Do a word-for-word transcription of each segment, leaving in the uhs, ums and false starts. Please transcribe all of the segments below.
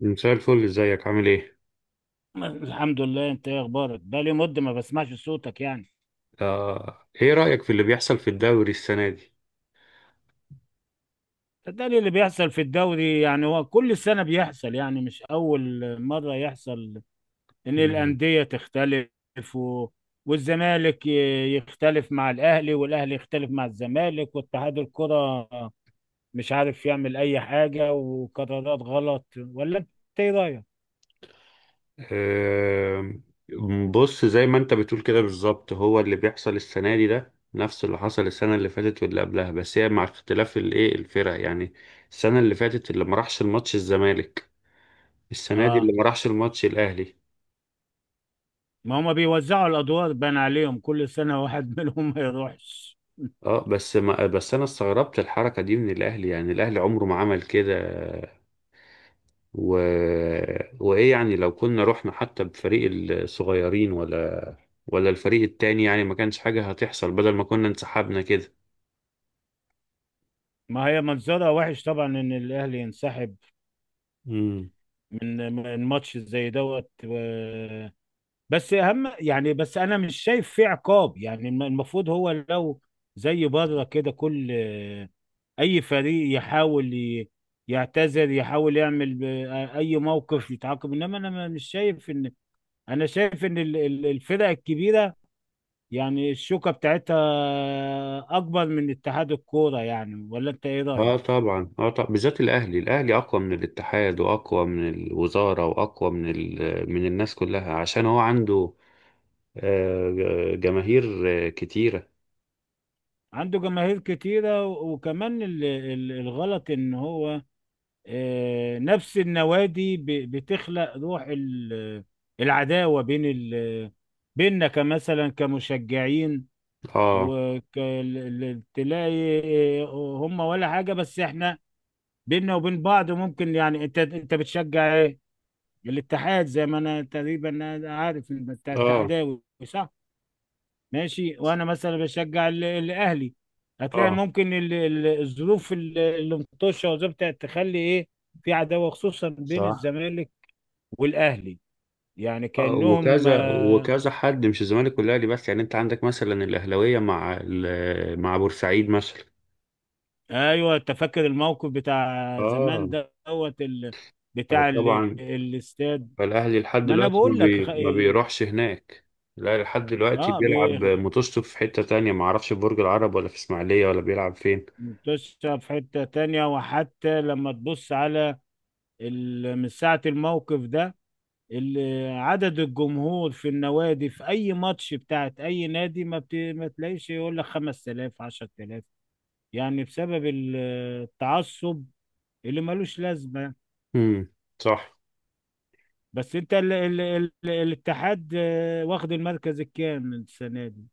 مساء الفل، ازيك عامل ايه؟ الحمد لله، انت ايه اخبارك؟ بقالي مده ما بسمعش صوتك يعني. آه، ايه رأيك في اللي بيحصل في الدوري السنة دي؟ صدقني اللي بيحصل في الدوري يعني هو كل سنه بيحصل، يعني مش اول مره يحصل ان مم. الانديه تختلف و... والزمالك ي- يختلف مع الاهلي، والاهلي يختلف مع الزمالك، واتحاد الكره مش عارف يعمل اي حاجه وقرارات غلط. ولا انت ايه رايك؟ آه، بص، زي ما انت بتقول كده بالظبط، هو اللي بيحصل السنة دي ده نفس اللي حصل السنة اللي فاتت واللي قبلها، بس هي مع اختلاف الايه، الفرق يعني السنة اللي فاتت اللي ما راحش الماتش الزمالك، السنة دي اه، اللي ما راحش الماتش الأهلي. ما هما بيوزعوا الادوار، بان عليهم كل سنه واحد منهم ما يروحش. اه، بس ما بس انا استغربت الحركة دي من الأهلي، يعني الأهلي عمره ما عمل كده. و... وايه يعني لو كنا رحنا حتى بفريق الصغيرين ولا ولا الفريق التاني، يعني ما كانش حاجة هتحصل بدل ما كنا انسحبنا كده. ما هي منظرها وحش طبعا ان الاهلي ينسحب امم. من من ماتش زي دوت و... بس اهم، يعني بس انا مش شايف فيه عقاب. يعني الم- المفروض هو لو زي بره كده، كل اي فريق يحاول ي- يعتذر، يحاول يعمل ب- اي موقف يتعاقب. انما انا ما- مش شايف ان، انا شايف ان ال- ال- الفرق الكبيره يعني الشوكه بتاعتها اكبر من اتحاد الكوره. يعني ولا انت ايه اه رايك؟ طبعا، اه طبعا، بالذات الاهلي، الاهلي اقوى من الاتحاد واقوى من الوزاره واقوى من ال... من الناس كلها، عشان هو عنده آه، ج- جماهير آه، كتيره. عنده جماهير كتيرة، و- وكمان ال- ال- الغلط ان هو آه، نفس النوادي ب- بتخلق روح ال- العداوة بين ال- بيننا كمثلا، كمشجعين. اه، وتلاقي هم ولا حاجة، بس احنا بيننا وبين بعض ممكن. يعني انت، انت بتشجع ايه؟ الاتحاد، زي ما انا تقريبا أنا عارف انت اه، اتحداوي، صح؟ ماشي، وانا مثلا بشجع ال- الاهلي. هتلاقي اه، ممكن ال- ال- الظروف ال- اللي مطشه وظبطت تخلي ايه، في عداوه خصوصا بين صح. الزمالك والاهلي، يعني آه كانهم وكذا آه. وكذا حد، مش الزمالك والاهلي بس، يعني انت عندك مثلا الاهلاويه مع ال... مع بورسعيد مثلا. ايوه، أنت فاكر الموقف بتاع اه زمان دوت ال- بتاع ال- طبعا. الاستاد. فالاهلي لحد ما انا دلوقتي ما, بقول لك خ- بي... ما اه، بيروحش هناك، الاهلي لحد دلوقتي آه، بيلعب بي- ماتشته في حتة تانية، ما اعرفش في برج العرب ولا في اسماعيلية ولا بيلعب فين. مطشه في حته تانية. وحتى لما تبص على ال- من ساعه الموقف ده، ال- عدد الجمهور في النوادي في اي ماتش بتاعت اي نادي ما, بت... ما تلاقيش يقول لك خمس آلاف عشرة آلاف، يعني بسبب ال- التعصب اللي ملوش لازمه يعني. امم صح. بس انت ال... ال... ال... الاتحاد آه، واخد المركز الكام السنه دي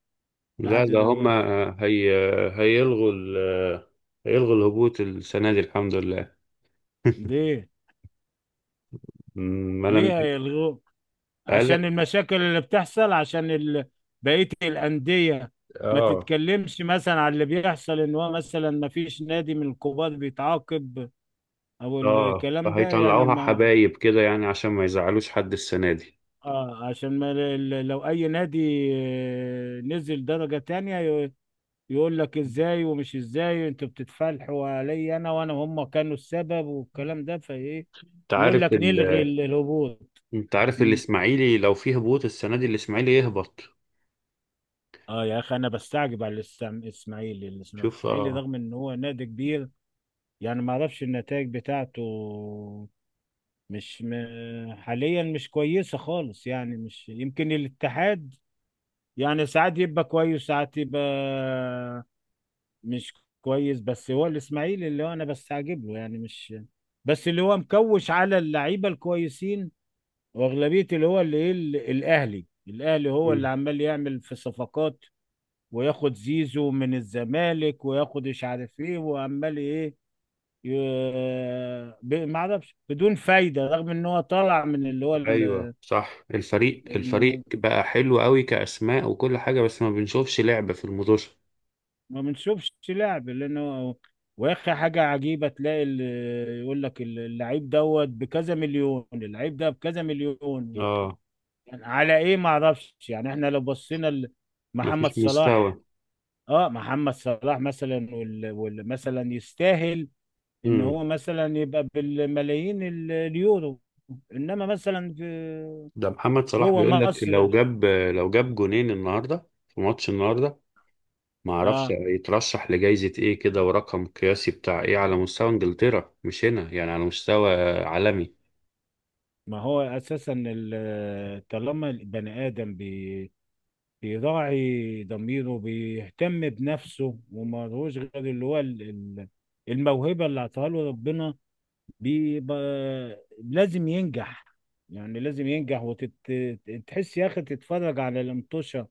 لحد لا، ده هما دلوقتي؟ هي... هيلغوا ال... هيلغوا الهبوط السنة دي، الحمد لله. ليه؟ أمم، ما انا ليه هيلغوه؟ قال عشان لك. المشاكل اللي بتحصل؟ عشان ال... بقيه الانديه ما اه، تتكلمش مثلا على اللي بيحصل ان هو مثلا ما فيش نادي من الكبار بيتعاقب او اه، الكلام ده يعني فهيطلعوها ما. حبايب كده يعني عشان ما يزعلوش حد السنة دي. آه، عشان ما، ل- لو اي نادي آه، نزل درجة تانية ي- يقول لك ازاي، ومش ازاي انتوا بتتفلحوا علي انا، وانا هم كانوا السبب، والكلام ده. فايه؟ انت يقول عارف لك ال... نلغي ال- الهبوط. انت عارف مم. الاسماعيلي لو فيه هبوط السنة دي، الاسماعيلي يهبط. اه يا اخي، انا بستعجب على الإسم- الاسماعيلي. شوف. الاسماعيلي اه. رغم ان هو نادي كبير، يعني ما اعرفش النتائج بتاعته مش م... حاليا مش كويسة خالص. يعني مش يمكن الاتحاد، يعني ساعات يبقى كويس ساعات يبقى مش كويس، بس هو الاسماعيلي اللي هو انا بستعجب له. يعني مش بس اللي هو مكوش على اللعيبه الكويسين واغلبيه، اللي هو اللي ايه ال- الاهلي. الاهلي هو اللي مم. عمال يعمل في صفقات وياخد زيزو من الزمالك وياخد مش عارف ايه، وعمال ايه، ي... ب- ما اعرفش بدون فايده، رغم ان هو طالع من اللي ايوه صح، الفريق هو. الفريق بقى حلو قوي كاسماء وكل حاجه، بس ما بنشوفش لعب في الموضوع. ما بنشوفش لعب لانه واخي حاجه عجيبه، تلاقي ال- يقول لك ال- اللعيب دوت بكذا مليون، اللعيب ده بكذا مليون. اه، يعني على ايه ما اعرفش. يعني احنا لو بصينا ل- محمد مفيش صلاح، مستوى. اه، محمد صلاح مثلا وال- وال- مثلا يستاهل ان امم. هو مثلا يبقى بالملايين ال- اليورو، انما مثلا في ده محمد صلاح جوه بيقول لك مصر لو جاب لو جاب جونين النهارده في ماتش النهارده، ما اعرفش اه. يترشح لجائزة ايه كده ورقم قياسي بتاع ايه على مستوى انجلترا، مش هنا يعني، على مستوى عالمي. ما هو اساسا ال- طالما البني ادم بيراعي ضميره، بيهتم بنفسه ومالهوش غير اللي هو ال- ال- الموهبة اللي اعطاها له ربنا، بيبقى لازم ينجح. يعني لازم ينجح. وتحس يا أخي تتفرج على الانطوشة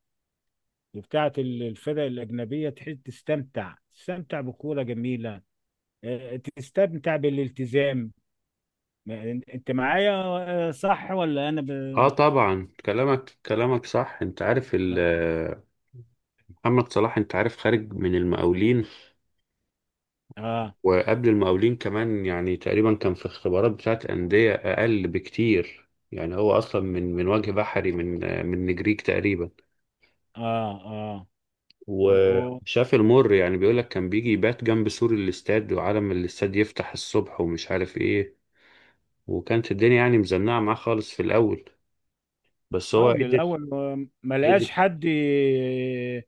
بتاعة ال- الفرق الأجنبية، تحس تستمتع، تستمتع بكورة جميلة، آه، تستمتع بالالتزام. ما- أنت معايا آه، صح ولا أنا ب... اه طبعا، كلامك كلامك صح. انت عارف آه. ال- محمد صلاح انت عارف خارج من المقاولين، آه. وقبل المقاولين كمان يعني تقريبا كان في اختبارات بتاعت أندية أقل بكتير، يعني هو أصلا من من وجه بحري، من من نجريج تقريبا. آه, آه. و- وشاف المر، يعني بيقولك كان بيجي يبات جنب سور الاستاد، وعلى ما الاستاد يفتح الصبح ومش عارف ايه، وكانت الدنيا يعني مزنقة معاه خالص في الأول، بس هو قبل قدر الاول ما قدر لقاش حد ي-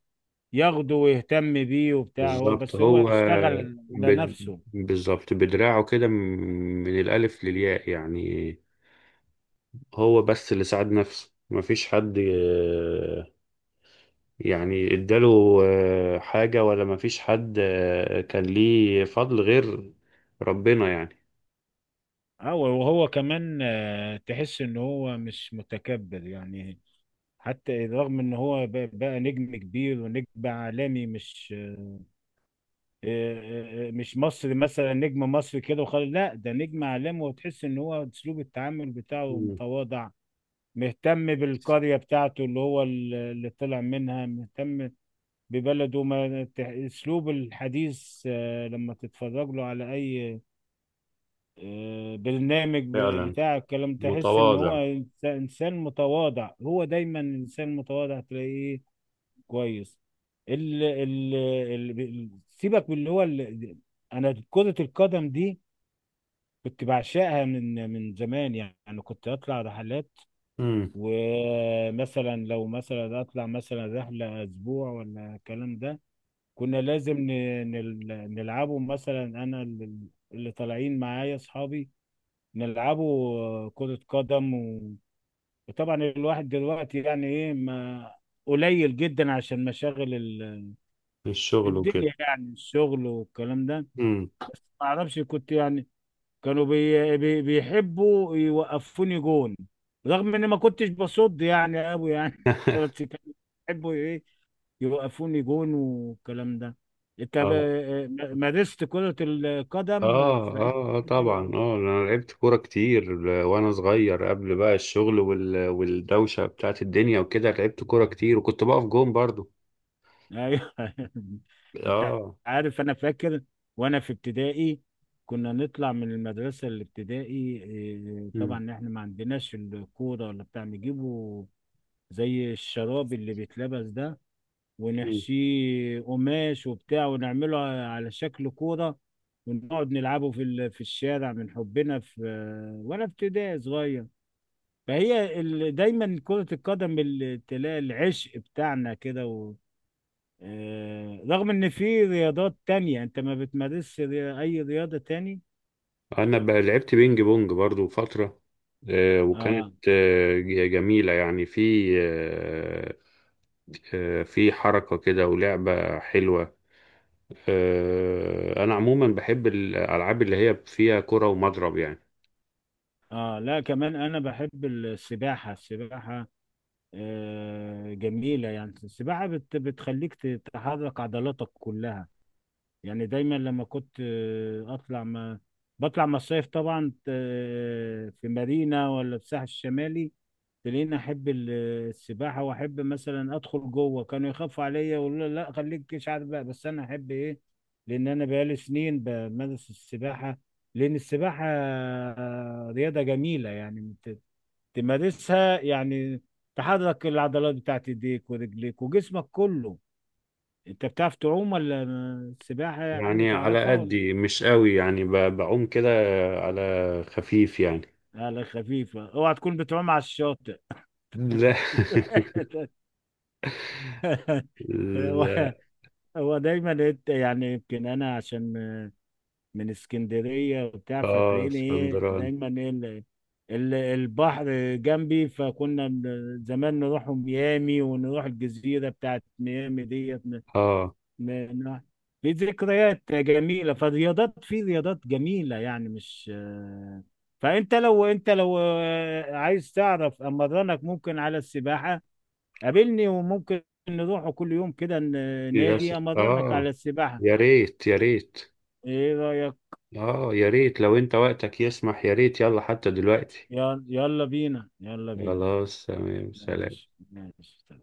ياخده ويهتم بيه وبتاع، هو بالظبط. بس هو هو اشتغل على بد... نفسه. بالظبط بدراعه كده من الألف للياء يعني. هو بس اللي ساعد نفسه، مفيش حد يعني اداله آه، حاجة، ولا مفيش حد آه، كان ليه فضل غير ربنا يعني. هو، وهو كمان آه، تحس ان هو مش متكبر يعني، حتى رغم ان هو ب- بقى نجم كبير ونجم عالمي. مش آه، آه، آه، مش مصري مثلا نجم مصري كده وخلاص، لا ده نجم عالمي. وتحس ان هو اسلوب التعامل بتاعه مم. متواضع، مهتم بالقرية بتاعته اللي هو اللي طلع منها، مهتم ببلده. ما ت- اسلوب الحديث، آه، لما تتفرج له على اي آه، برنامج ب- فعلا بتاع الكلام، تحس ان هو متواضع. إنس- انسان متواضع. هو دايما انسان متواضع، تلاقيه كويس. ال ال ال سيبك من اللي هو ال- انا كرة القدم دي كنت بعشقها من من زمان يعني. كنت اطلع رحلات، مم. ومثلا لو مثلا اطلع مثلا رحلة اسبوع ولا الكلام ده، كنا لازم ن- نل- نلعبه. مثلا انا ال- اللي طالعين معايا اصحابي، نلعبه كرة قدم و... وطبعا الواحد دلوقتي يعني ايه، ما قليل جدا عشان مشاغل ال- في الشغل وكده. الدنيا، يعني الشغل والكلام ده. مم. بس ما اعرفش، كنت يعني كانوا بي... بي... بيحبوا يوقفوني جون، رغم اني ما كنتش بصد يعني قوي يعني بس كانوا بيحبوا إيه، يوقفوني جون والكلام ده. انت اه، ب- مارست كرة اه، القدم في اي اه، آه، نادي ولا؟ طبعا، اه، انا لعبت كورة كتير آه، وانا صغير قبل بقى الشغل وال... والدوشة بتاعت الدنيا وكده، لعبت كورة كتير وكنت بقف جون برضو. ايوه انت اه. عارف انا فاكر وانا في ابتدائي، كنا نطلع من المدرسة الابتدائي، إيه، مم. طبعا احنا ما عندناش الكورة ولا بتاع، نجيبه زي الشراب اللي بيتلبس ده، مم. ونحشيه قماش وبتاع ونعمله على شكل كورة، ونقعد نلعبه في ال- في الشارع. من حبنا في آه، وانا في ابتدائي صغير. فهي ال- دايما كرة القدم ال- تلاقي العشق بتاعنا كده و... آه، رغم ان في رياضات تانية، انت ما بتمارسش ري- اي رياضة تاني؟ انا بقى لعبت بينج بونج برضو فترة، آه، وكانت اه، آه، جميلة يعني، في آه، آه، في حركة كده ولعبة حلوة. آه، انا عموما بحب الالعاب اللي هي فيها كرة ومضرب يعني. اه لا كمان انا بحب السباحة. السباحة آه جميلة، يعني السباحة بت... بتخليك تحرك عضلاتك كلها، يعني دايما لما كنت آه، اطلع، ما بطلع مصايف طبعا آه، في مارينا ولا في الساحل الشمالي، تلاقيني احب ال- السباحه، واحب مثلا ادخل جوه. كانوا يخافوا عليا يقولوا لي لا خليك مش عارف بقى، بس انا احب ايه، لان انا بقالي سنين بمارس السباحه، لان السباحه آه، رياضه جميله يعني ت- تمارسها يعني، تحرك العضلات بتاعت ايديك ورجليك وجسمك كله. انت بتعرف تعوم ولا السباحة يعني يعني على تعرفها ولا؟ قدي، مش قوي يعني، ب- بعوم كده على خفيف يعني. على خفيفة، اوعى تكون بتعوم على الشاطئ؟ لا. هو، لا. هو دايما إنت- يعني يمكن انا عشان من اسكندرية وبتاع، اه، فتلاقيني ايه اسكندراني. دايما ايه ال- ال- البحر جنبي، فكنا من زمان نروح ميامي ونروح الجزيرة بتاعت ميامي ديت ن- اه، ن- ن- في ذكريات جميلة. فالرياضات، في رياضات جميلة يعني مش، فانت لو انت لو عايز تعرف امرنك ممكن على السباحة، قابلني وممكن نروح كل يوم كده ن- يا س... نادي، امرنك على اه، السباحة. يا ريت يا ريت. ايه رأيك؟ اه يا ريت، لو انت وقتك يسمح يا ريت، يلا حتى دلوقتي. يلا يلا بينا، يلا بينا. خلاص، تمام، سلام. ماشي ماشي.